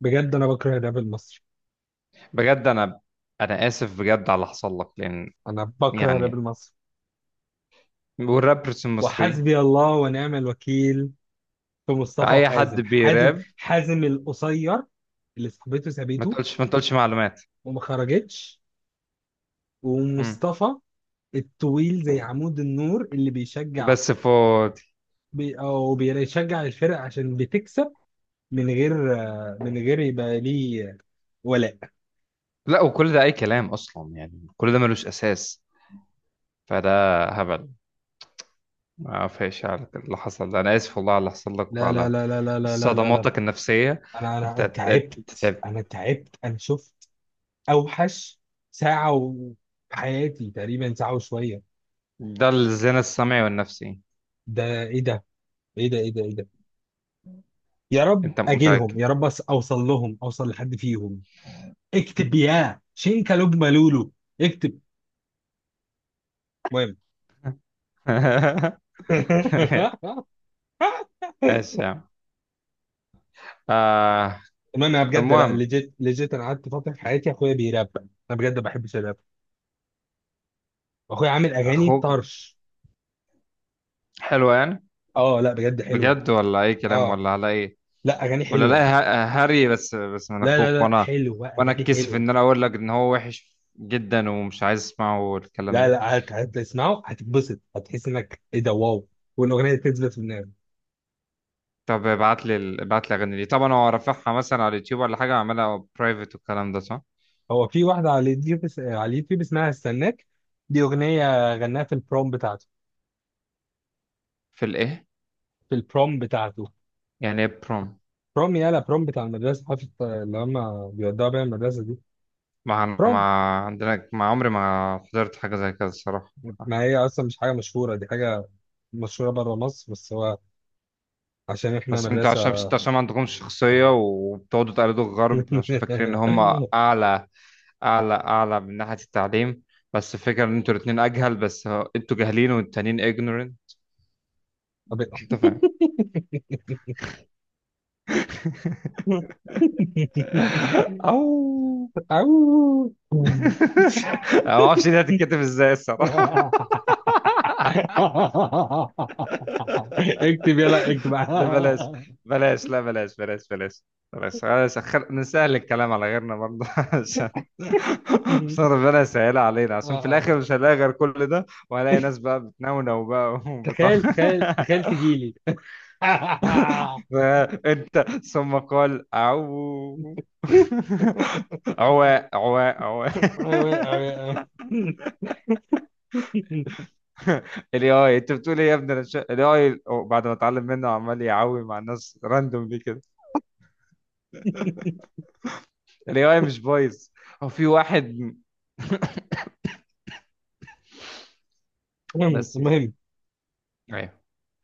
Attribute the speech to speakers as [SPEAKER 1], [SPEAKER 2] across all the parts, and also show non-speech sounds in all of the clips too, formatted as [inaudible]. [SPEAKER 1] بجد انا بكره الراب المصري.
[SPEAKER 2] بجد انا اسف بجد على اللي حصل لك، لان
[SPEAKER 1] انا بكره الراب
[SPEAKER 2] يعني
[SPEAKER 1] المصري
[SPEAKER 2] والرابرز المصري،
[SPEAKER 1] وحسبي الله ونعم الوكيل. في مصطفى
[SPEAKER 2] فاي حد
[SPEAKER 1] وحازم
[SPEAKER 2] بيراب.
[SPEAKER 1] حازم القصير اللي صاحبته
[SPEAKER 2] ما
[SPEAKER 1] سابته
[SPEAKER 2] تقولش ما تقولش معلومات.
[SPEAKER 1] وما خرجتش،
[SPEAKER 2] مم.
[SPEAKER 1] ومصطفى الطويل زي عمود النور اللي بيشجع
[SPEAKER 2] بس فاضي.
[SPEAKER 1] بي او بيشجع الفرق عشان بتكسب من غير من غير يبقى ليه ولاء.
[SPEAKER 2] لا، وكل ده اي كلام اصلا، يعني كل ده ملوش اساس، فده هبل. ما فيش على اللي حصل ده، انا اسف والله على اللي حصل لك
[SPEAKER 1] لا لا
[SPEAKER 2] وعلى
[SPEAKER 1] لا لا لا لا لا لا لا.
[SPEAKER 2] صدماتك النفسيه.
[SPEAKER 1] انا
[SPEAKER 2] انت
[SPEAKER 1] انا
[SPEAKER 2] انت
[SPEAKER 1] تعبت،
[SPEAKER 2] تعبت.
[SPEAKER 1] انا تعبت، انا شفت اوحش ساعه و- في حياتي، تقريبا ساعه وشويه.
[SPEAKER 2] ده الزنا السمعي والنفسي.
[SPEAKER 1] ده ايه ده ايه ده ايه ده؟ يا رب
[SPEAKER 2] انت
[SPEAKER 1] اجيلهم،
[SPEAKER 2] متاكد؟
[SPEAKER 1] يا رب اوصل لهم، اوصل لحد فيهم. اكتب يا شينكا لوج لولو، اكتب. المهم.
[SPEAKER 2] [laughs]
[SPEAKER 1] [laughs]
[SPEAKER 2] ماشي يا عم. آه.
[SPEAKER 1] المهم انا بجد لا،
[SPEAKER 2] المهم،
[SPEAKER 1] ليجيت ليجيت انا قعدت فتره في حياتي اخويا بيراب. انا بجد ما بحبش الراب. اخويا عامل اغاني
[SPEAKER 2] اخوك
[SPEAKER 1] طرش.
[SPEAKER 2] حلو يعني؟
[SPEAKER 1] اه لا بجد حلوه.
[SPEAKER 2] بجد ولا اي كلام
[SPEAKER 1] اه
[SPEAKER 2] ولا على ايه؟
[SPEAKER 1] لا، اغاني
[SPEAKER 2] ولا
[SPEAKER 1] حلوه.
[SPEAKER 2] لا، هري. بس من
[SPEAKER 1] لا لا
[SPEAKER 2] اخوك.
[SPEAKER 1] لا،
[SPEAKER 2] وانا
[SPEAKER 1] حلوه،
[SPEAKER 2] وانا
[SPEAKER 1] اغاني
[SPEAKER 2] اتكسف
[SPEAKER 1] حلوه.
[SPEAKER 2] ان انا اقول لك ان هو وحش جدا ومش عايز اسمعه الكلام
[SPEAKER 1] لا
[SPEAKER 2] ده.
[SPEAKER 1] لا هتسمعه هتتبسط، هتحس انك ايه ده واو. والاغنيه دي تثبت في دماغك.
[SPEAKER 2] طب ابعت لي ابعت لي اغاني دي. طبعا هو رافعها مثلا على اليوتيوب، ولا حاجه عاملها برايفت والكلام ده؟ صح،
[SPEAKER 1] هو في واحده على اليوتيوب على اليوتيوب اسمها استناك. دي اغنيه غناها في البروم بتاعته.
[SPEAKER 2] في الايه؟
[SPEAKER 1] في البروم بتاعته.
[SPEAKER 2] يعني ايه بروم؟
[SPEAKER 1] بروم، يالا، بروم بتاع المدرسه، حفله اللي هم بيودعوا بيها المدرسه دي.
[SPEAKER 2] ما ما
[SPEAKER 1] بروم.
[SPEAKER 2] عندنا، ما عمري ما حضرت حاجه زي كده الصراحه.
[SPEAKER 1] ما هي اصلا مش حاجه مشهوره، دي حاجه مشهوره بره مصر، بس هو عشان احنا
[SPEAKER 2] بس انتوا
[SPEAKER 1] مدرسه.
[SPEAKER 2] عشان، بس انتوا عشان ما عندكمش شخصيه وبتقعدوا تقلدوا الغرب عشان فاكرين ان هم
[SPEAKER 1] [laughs]
[SPEAKER 2] اعلى، اعلى، اعلى من ناحيه التعليم. بس الفكره ان انتوا الاثنين اجهل. انتوا جاهلين والتانيين ignorant.
[SPEAKER 1] طب-
[SPEAKER 2] انت فاهم؟ [laughs]
[SPEAKER 1] [laughs]
[SPEAKER 2] او.
[SPEAKER 1] أوه.
[SPEAKER 2] [laughs] انا ما اعرفش دي هتتكتب ازاي الصراحه.
[SPEAKER 1] [laughs]
[SPEAKER 2] [laughs]
[SPEAKER 1] اكتب يلا اكتب.
[SPEAKER 2] ده بلاش، بلاش، لا بلاش، بلاش، بلاش، بلاش، خلاص. نسهل الكلام على غيرنا برضه، [laughs] عشان عشان ربنا يسهلها علينا، عشان في الاخر مش هنلاقي غير كل ده، وهنلاقي ناس بقى بتنونو بقى وبتاع.
[SPEAKER 1] تخيل تخيل
[SPEAKER 2] [laughs]
[SPEAKER 1] تخيل تجيلي ايوه،
[SPEAKER 2] انت ثم قال عو [laughs] عواء عواء عواء.
[SPEAKER 1] ايوه، ايوه.
[SPEAKER 2] [laughs] الاي اي، انت بتقول ايه يا ابني؟ الاي اي، بعد ما اتعلم منه عمال يعوي مع الناس راندوم، ليه كده؟ الاي اي مش بايظ. هو في واحد
[SPEAKER 1] المهم
[SPEAKER 2] بس كده.
[SPEAKER 1] المهم
[SPEAKER 2] ايوه.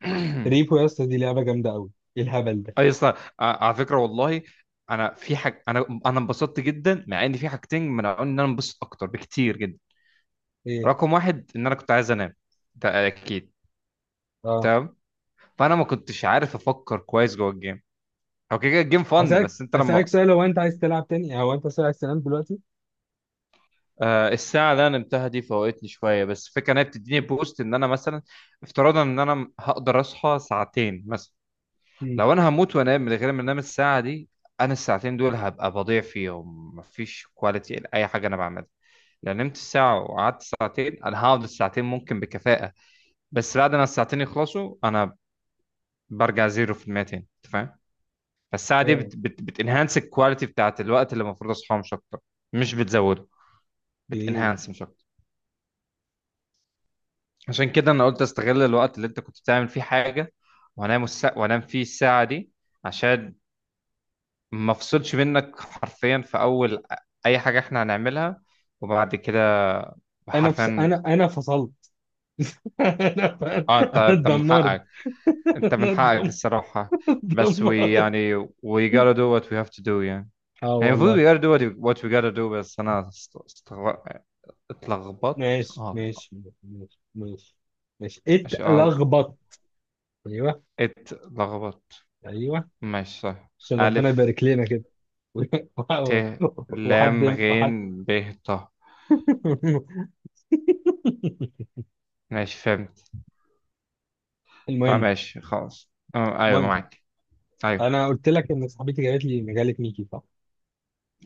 [SPEAKER 2] [clears throat]
[SPEAKER 1] ريبو يا اسطى، دي لعبه جامده قوي. ايه الهبل ده؟
[SPEAKER 2] اي اصلا، على فكره والله، انا في حاجه، انا انبسطت جدا، مع ان في حاجتين منعوني ان انا انبسط اكتر بكتير جدا.
[SPEAKER 1] ايه؟
[SPEAKER 2] رقم واحد، ان انا كنت عايز انام، ده اكيد.
[SPEAKER 1] اه.
[SPEAKER 2] تمام. فانا ما كنتش عارف افكر كويس جوه الجيم. هو كده كده الجيم فن،
[SPEAKER 1] اسالك
[SPEAKER 2] بس انت
[SPEAKER 1] اسالك
[SPEAKER 2] لما،
[SPEAKER 1] سؤال، هو انت عايز تلعب تاني؟ هو انت عايز تنام دلوقتي؟
[SPEAKER 2] آه الساعه اللي انا نمتها دي فوقتني شويه، بس الفكره ان هي بتديني بوست ان انا مثلا، افتراضا ان انا هقدر اصحى ساعتين مثلا.
[SPEAKER 1] مم.
[SPEAKER 2] لو انا هموت وانام من غير ما انام الساعه دي، انا الساعتين دول هبقى بضيع فيهم، مفيش كواليتي لاي حاجه انا بعملها. لو نمت ساعة وقعدت ساعتين، أنا هقعد الساعتين ممكن بكفاءة. بس بعد ما الساعتين يخلصوا، أنا برجع زيرو في المية تاني. أنت فاهم؟ فالساعة دي
[SPEAKER 1] ايوه.
[SPEAKER 2] بت بتنهانس الكواليتي بتاعت الوقت اللي المفروض أصحاه، مش أكتر. مش بتزوده،
[SPEAKER 1] ايه؟
[SPEAKER 2] بتنهانس، مش أكتر. عشان كده أنا قلت أستغل الوقت اللي أنت كنت بتعمل فيه حاجة، وأنام وأنام فيه الساعة دي، عشان ما أفصلش منك حرفيا في أول أي حاجة إحنا هنعملها. وبعد كده حرفيا.
[SPEAKER 1] انا فصلت. [laughs] انا
[SPEAKER 2] اه، انت،
[SPEAKER 1] انا
[SPEAKER 2] انت من
[SPEAKER 1] اتدمرت.
[SPEAKER 2] حقك.
[SPEAKER 1] [laughs]
[SPEAKER 2] انت من
[SPEAKER 1] انا
[SPEAKER 2] حقك
[SPEAKER 1] اتدمرت.
[SPEAKER 2] الصراحة.
[SPEAKER 1] [laughs]
[SPEAKER 2] بس we
[SPEAKER 1] دمار.
[SPEAKER 2] يعني we gotta do what we have to do يعني.
[SPEAKER 1] اه
[SPEAKER 2] يعني المفروض we
[SPEAKER 1] والله.
[SPEAKER 2] gotta do what we gotta do. بس انا است- استغ... اتلخبطت،
[SPEAKER 1] ماشي
[SPEAKER 2] اه.
[SPEAKER 1] ماشي، ماشي ماشي، ماشي
[SPEAKER 2] مش
[SPEAKER 1] اتلخبط. ايوه.
[SPEAKER 2] اتلخبطت،
[SPEAKER 1] ايوه.
[SPEAKER 2] ماشي، صح.
[SPEAKER 1] عشان ربنا
[SPEAKER 2] ألف،
[SPEAKER 1] يبارك لنا كده.
[SPEAKER 2] ت،
[SPEAKER 1] [laughs]
[SPEAKER 2] لام،
[SPEAKER 1] وحد،
[SPEAKER 2] غين،
[SPEAKER 1] وحد.
[SPEAKER 2] ب، ط.
[SPEAKER 1] [laughs]
[SPEAKER 2] ماشي، فهمت.
[SPEAKER 1] المهم
[SPEAKER 2] فماشي خلاص. آه، أيوه
[SPEAKER 1] المهم،
[SPEAKER 2] معاك. أيوه.
[SPEAKER 1] انا قلت لك ان صاحبتي جابت لي مجله ميكي، صح؟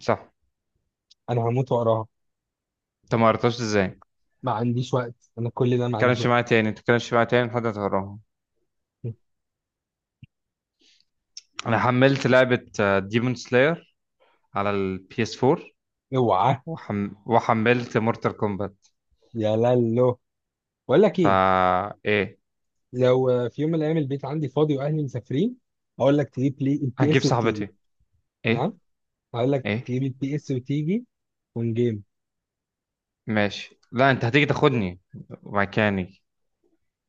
[SPEAKER 2] صح.
[SPEAKER 1] انا هموت واقراها.
[SPEAKER 2] أنت ما قريتهاش إزاي؟ ما
[SPEAKER 1] ما عنديش وقت، انا كل ده ما عنديش
[SPEAKER 2] تتكلمش
[SPEAKER 1] وقت.
[SPEAKER 2] معايا تاني، ما تتكلمش معايا تاني، لحد ما تقراهم.
[SPEAKER 1] [laughs]
[SPEAKER 2] أنا حملت لعبة ديمون سلاير على البي اس 4،
[SPEAKER 1] اوعى.
[SPEAKER 2] وحملت مورتال كومبات.
[SPEAKER 1] يا لالو، بقول لك ايه،
[SPEAKER 2] فا إيه؟
[SPEAKER 1] لو في يوم من الايام البيت عندي فاضي واهلي مسافرين اقول لك تجيب لي البي
[SPEAKER 2] هجيب
[SPEAKER 1] اس وتيجي.
[SPEAKER 2] صاحبتي. إيه؟
[SPEAKER 1] نعم. هقول لك
[SPEAKER 2] إيه؟
[SPEAKER 1] تجيب البي اس وتيجي اون جيم.
[SPEAKER 2] ماشي، لا أنت هتيجي تاخدني مكاني.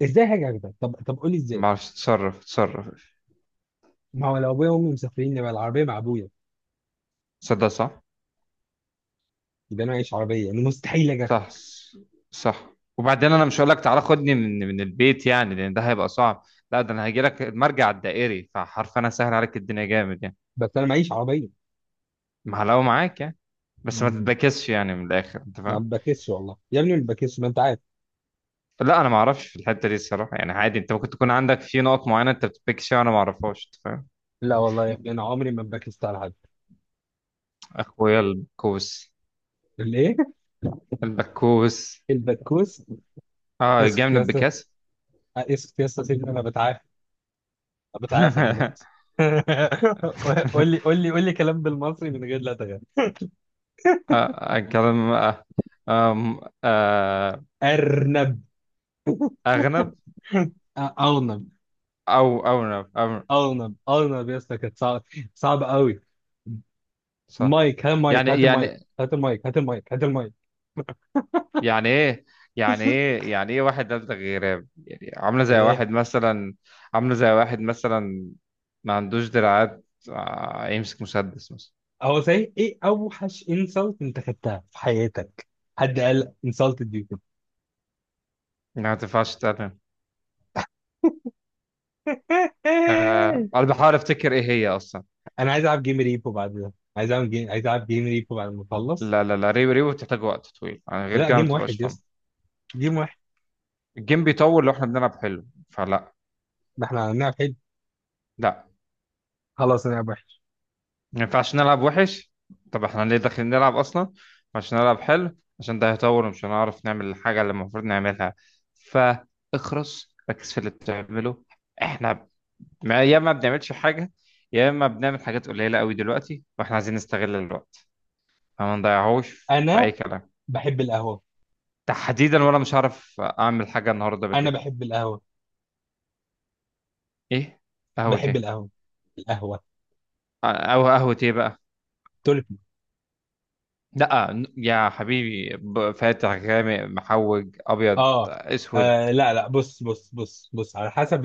[SPEAKER 1] ازاي حاجه كده؟ طب، طب قول لي ازاي.
[SPEAKER 2] ما اعرفش، تصرف، تصرف.
[SPEAKER 1] ما هو لو ابويا وامي مسافرين يبقى العربيه مع ابويا،
[SPEAKER 2] صدق، صح.
[SPEAKER 1] يبقى انا معيش عربيه، يعني مستحيل اجي
[SPEAKER 2] صح.
[SPEAKER 1] اخده.
[SPEAKER 2] صح، وبعدين انا مش هقول لك تعالى خدني من البيت يعني، لان ده هيبقى صعب. لا ده انا هاجي لك المرجع الدائري، فحرفيا انا سهل عليك الدنيا جامد يعني.
[SPEAKER 1] بس انا معيش عربيه.
[SPEAKER 2] محلاوه معاك يعني. بس ما
[SPEAKER 1] مم.
[SPEAKER 2] تتبكسش يعني من الاخر، انت
[SPEAKER 1] انا
[SPEAKER 2] فاهم؟
[SPEAKER 1] ما بكسش والله يا ابني، ما بكسش، ما انت عارف.
[SPEAKER 2] لا انا ما اعرفش في الحته دي الصراحه، يعني عادي، انت ممكن تكون عندك في نقط معينه انت بتتبكس فيها وانا ما اعرفهاش. انت فاهم؟
[SPEAKER 1] لا والله يا، يعني انا عمري ما بكست على حد.
[SPEAKER 2] اخويا البكوس.
[SPEAKER 1] الايه؟
[SPEAKER 2] البكوس.
[SPEAKER 1] البكوس.
[SPEAKER 2] اه، جاي
[SPEAKER 1] اسكت
[SPEAKER 2] من
[SPEAKER 1] يا اسطى،
[SPEAKER 2] البكاس.
[SPEAKER 1] اسكت يا اسطى، سيبني انا بتعافى. بتعافى
[SPEAKER 2] [laughs]
[SPEAKER 1] دلوقتي. [laughs] قول لي، قول لي، قول لي كلام بالمصري من غير لا تغير.
[SPEAKER 2] آه، كلام، آه، آم، آه،
[SPEAKER 1] ارنب.
[SPEAKER 2] أغنب،
[SPEAKER 1] ارنب.
[SPEAKER 2] أو أونب، أو
[SPEAKER 1] ارنب، ارنب يا اسطى، كانت صعبه. صعبه قوي.
[SPEAKER 2] صح.
[SPEAKER 1] مايك، هات مايك،
[SPEAKER 2] يعني،
[SPEAKER 1] هات المايك،
[SPEAKER 2] يعني،
[SPEAKER 1] هات المايك، هات المايك، هات المايك.
[SPEAKER 2] يعني إيه؟ يعني إيه؟ يعني إيه؟ واحد نبتة غراب يعني، عاملة زي
[SPEAKER 1] ايه؟
[SPEAKER 2] واحد مثلا، عاملة زي واحد مثلا ما عندوش دراعات، آه، يمسك مسدس مثلا.
[SPEAKER 1] هو صحيح ايه اوحش انسلت انت خدتها في حياتك؟ حد قال انسلتد يو كده؟
[SPEAKER 2] ما تنفعش، تمام. أه،
[SPEAKER 1] [laughs]
[SPEAKER 2] أنا بحاول أفتكر إيه هي أصلا.
[SPEAKER 1] انا عايز العب جيم ريبو بعد ده، عايز العب جيم، عايز العب جيم ريبو بعد ما اخلص.
[SPEAKER 2] لا لا لا، ريو، ريو بتحتاج وقت طويل يعني، غير
[SPEAKER 1] لا
[SPEAKER 2] كده ما
[SPEAKER 1] جيم
[SPEAKER 2] بتبقاش
[SPEAKER 1] واحد يا
[SPEAKER 2] فن.
[SPEAKER 1] اسطى، جيم واحد.
[SPEAKER 2] الجيم بيطول لو إحنا بنلعب حلو، فلا.
[SPEAKER 1] ما احنا هنلعب حلو.
[SPEAKER 2] لا،
[SPEAKER 1] خلاص هنلعب وحش.
[SPEAKER 2] ما ينفعش نلعب وحش. طب احنا ليه داخلين نلعب اصلا؟ عشان نلعب حلو، عشان ده هيطور، ومش هنعرف نعمل الحاجه اللي المفروض نعملها. فاخرس، ركز في اللي بتعمله. احنا يا ما بنعملش حاجه، يا اما بنعمل حاجات قليله قوي دلوقتي، واحنا عايزين نستغل الوقت، فما نضيعهوش في اي
[SPEAKER 1] انا
[SPEAKER 2] كلام.
[SPEAKER 1] بحب القهوه
[SPEAKER 2] تحديدا وانا مش هعرف اعمل حاجه النهارده
[SPEAKER 1] انا
[SPEAKER 2] بالليل.
[SPEAKER 1] بحب القهوه.
[SPEAKER 2] ايه؟ قهوه
[SPEAKER 1] بحب
[SPEAKER 2] ايه؟
[SPEAKER 1] القهوه. القهوه
[SPEAKER 2] او قهوه ايه بقى؟
[SPEAKER 1] تركي.
[SPEAKER 2] لا يا حبيبي، فاتح، غامق، محوج، ابيض،
[SPEAKER 1] اه.
[SPEAKER 2] اسود.
[SPEAKER 1] آه، لا لا، بص بص بص بص، على حسب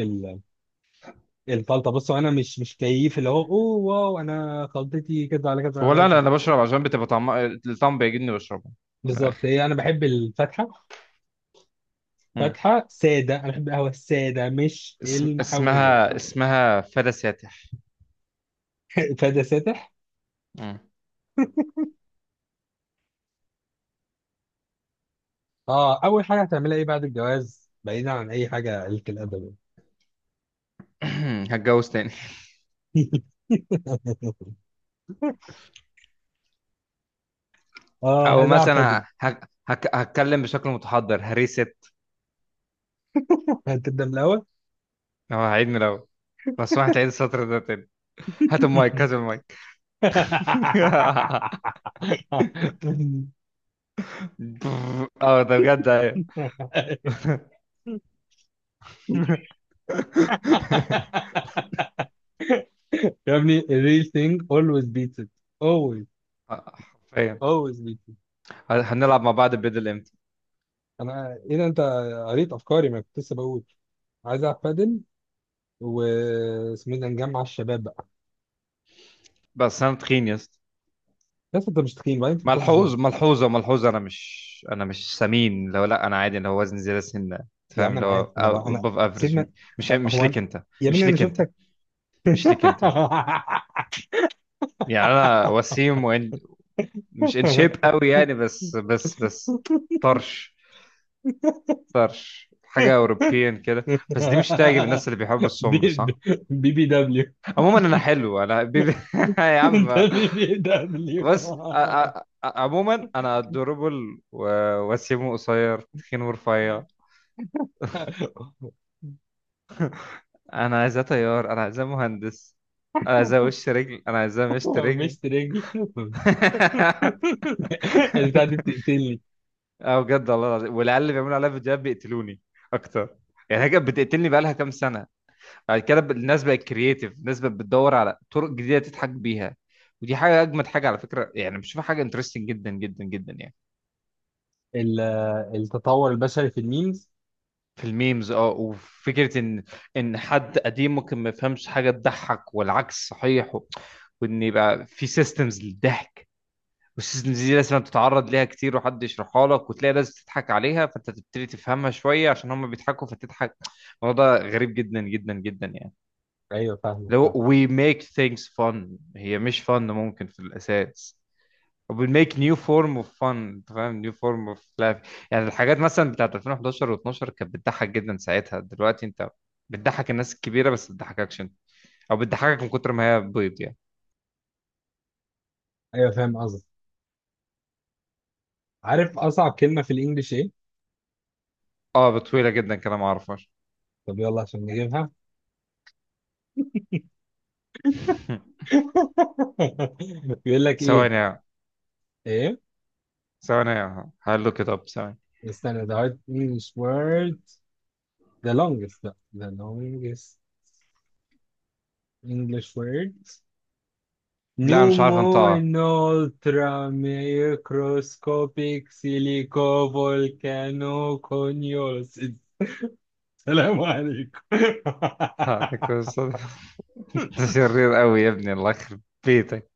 [SPEAKER 1] الخلطه. بصوا انا مش مش كيف اللي هو اوه واو، انا خلطتي كذا على كذا
[SPEAKER 2] هو،
[SPEAKER 1] على
[SPEAKER 2] لا لا،
[SPEAKER 1] كذا.
[SPEAKER 2] انا بشرب عشان بتبقى طعم، الطعم بيعجبني بشربه. من
[SPEAKER 1] بالظبط،
[SPEAKER 2] الاخر.
[SPEAKER 1] هي انا بحب الفاتحه.
[SPEAKER 2] مم.
[SPEAKER 1] فاتحه ساده، انا بحب القهوه الساده مش المحوجه.
[SPEAKER 2] اسمها، اسمها فدا ساتح.
[SPEAKER 1] [laughs] فده ساتح.
[SPEAKER 2] مم.
[SPEAKER 1] اه، اول حاجه هتعملها ايه بعد الجواز، بعيدا عن اي حاجه قله الادب؟
[SPEAKER 2] [clears throat] هتجوز تاني.
[SPEAKER 1] يعني. [laughs] اه
[SPEAKER 2] او
[SPEAKER 1] عايز العب
[SPEAKER 2] مثلا
[SPEAKER 1] بادل.
[SPEAKER 2] هتكلم بشكل متحضر هريست،
[SPEAKER 1] هتبدا من الاول.
[SPEAKER 2] او هعيد من الاول، بس ما هتعيد السطر ده تاني. هات المايك، هات المايك. [laughs] اه ده بجد، ايوه.
[SPEAKER 1] [laughs] يا ابني الريل ثينج اولويز بيتس ات. اولويز
[SPEAKER 2] [laughs] حرفيا،
[SPEAKER 1] اولويز بيتس ات.
[SPEAKER 2] هنلعب مع بعض بدل امتى؟
[SPEAKER 1] انا ايه ده، انت قريت افكاري؟ ما كنت لسه بقول عايز العب بادل، و اسمه ايه ده، نجمع الشباب بقى.
[SPEAKER 2] بس انا تخين يا اسطى.
[SPEAKER 1] بس انت مش تخين بعدين، انت بتروح الجيم.
[SPEAKER 2] ملحوظ، ملحوظه، ملحوظه، انا مش سمين لو لا، انا عادي، اللي هو وزني زياده سنه. أنت
[SPEAKER 1] يا
[SPEAKER 2] فاهم؟
[SPEAKER 1] عم
[SPEAKER 2] اللي
[SPEAKER 1] انا عارف
[SPEAKER 2] هو
[SPEAKER 1] انا بقى انا،
[SPEAKER 2] above افريج.
[SPEAKER 1] سيبنا.
[SPEAKER 2] مش
[SPEAKER 1] هو أنا-،
[SPEAKER 2] ليك انت.
[SPEAKER 1] يا
[SPEAKER 2] مش
[SPEAKER 1] ابني انا
[SPEAKER 2] ليك انت.
[SPEAKER 1] شفتك.
[SPEAKER 2] مش ليك انت. يعني انا
[SPEAKER 1] [laughs]
[SPEAKER 2] وسيم، وإن مش ان شيب قوي يعني، بس، بس، بس طرش، طرش حاجه اوروبيان كده. بس دي مش تعجب الناس اللي بيحبوا
[SPEAKER 1] بي
[SPEAKER 2] السمر، صح؟
[SPEAKER 1] بي بي دبليو.
[SPEAKER 2] عموما انا حلو، انا بيبي. [laughs] يا
[SPEAKER 1] [laughs] انت
[SPEAKER 2] عم.
[SPEAKER 1] بي بي
[SPEAKER 2] بس
[SPEAKER 1] دبليو.
[SPEAKER 2] عموما انا ادوربل، وسيم، قصير، تخين، ورفيع.
[SPEAKER 1] [laughs]
[SPEAKER 2] انا عايزاه طيار، انا عايزاه مهندس، انا عايزاه وش رجل، انا عايزاه مشط
[SPEAKER 1] هو
[SPEAKER 2] رجل.
[SPEAKER 1] مش ترينجي. [laughs]
[SPEAKER 2] [laughs]
[SPEAKER 1] البتاع دي بتقتلني.
[SPEAKER 2] اه بجد والله العظيم، والعيال اللي بيعملوا عليها فيديوهات بيقتلوني اكتر. يعني هي كانت بتقتلني بقالها كام سنه. بعد كده، الناس بقت كرييتيف، الناس بقت بتدور على طرق جديده تضحك بيها. ودي حاجه اجمد حاجه على فكره يعني، بشوفها حاجه انترستنج جدا جدا جدا يعني.
[SPEAKER 1] ال- التطور البشري في الميمز.
[SPEAKER 2] في الميمز، اه، وفكره ان، ان حد قديم ممكن ما يفهمش حاجه تضحك، والعكس صحيح، وان يبقى في سيستمز للضحك، بس دي لازم تتعرض ليها كتير وحد يشرحها لك وتلاقي ناس بتضحك عليها، فانت تبتدي تفهمها شويه عشان هم بيضحكوا فتضحك. الموضوع ده غريب جدا جدا جدا يعني.
[SPEAKER 1] ايوه فاهم،
[SPEAKER 2] لو
[SPEAKER 1] فاهم.
[SPEAKER 2] we make things fun، هي مش fun ممكن في الاساس. we make new form of fun، انت فاهم؟ new form of laughing. يعني الحاجات مثلا بتاعت 2011 و12 كانت بتضحك جدا ساعتها، دلوقتي انت بتضحك الناس الكبيره بس، ما بتضحككش انت، او بتضحكك من كتر ما هي بيض يعني.
[SPEAKER 1] ايوه فاهم قصدك. عارف اصعب كلمه في الانجليش ايه؟
[SPEAKER 2] اه، بطويله جدا كده ما اعرفهاش.
[SPEAKER 1] طب يلا عشان نجيبها.
[SPEAKER 2] [laughs]
[SPEAKER 1] [laughs] بيقول لك ايه؟
[SPEAKER 2] ثواني.
[SPEAKER 1] ايه؟
[SPEAKER 2] ثواني، هقلوك كده، طب ثواني.
[SPEAKER 1] استنى، the hard English word، the longest لا، the longest English word.
[SPEAKER 2] لا أنا مش
[SPEAKER 1] نومو
[SPEAKER 2] عارف انطقها.
[SPEAKER 1] ultra microscopic silico volcano conios. السلام عليكم.
[SPEAKER 2] [laughs] هذا
[SPEAKER 1] [laughs]
[SPEAKER 2] كويس. انت شرير قوي يا ابني، الله يخرب بيتك.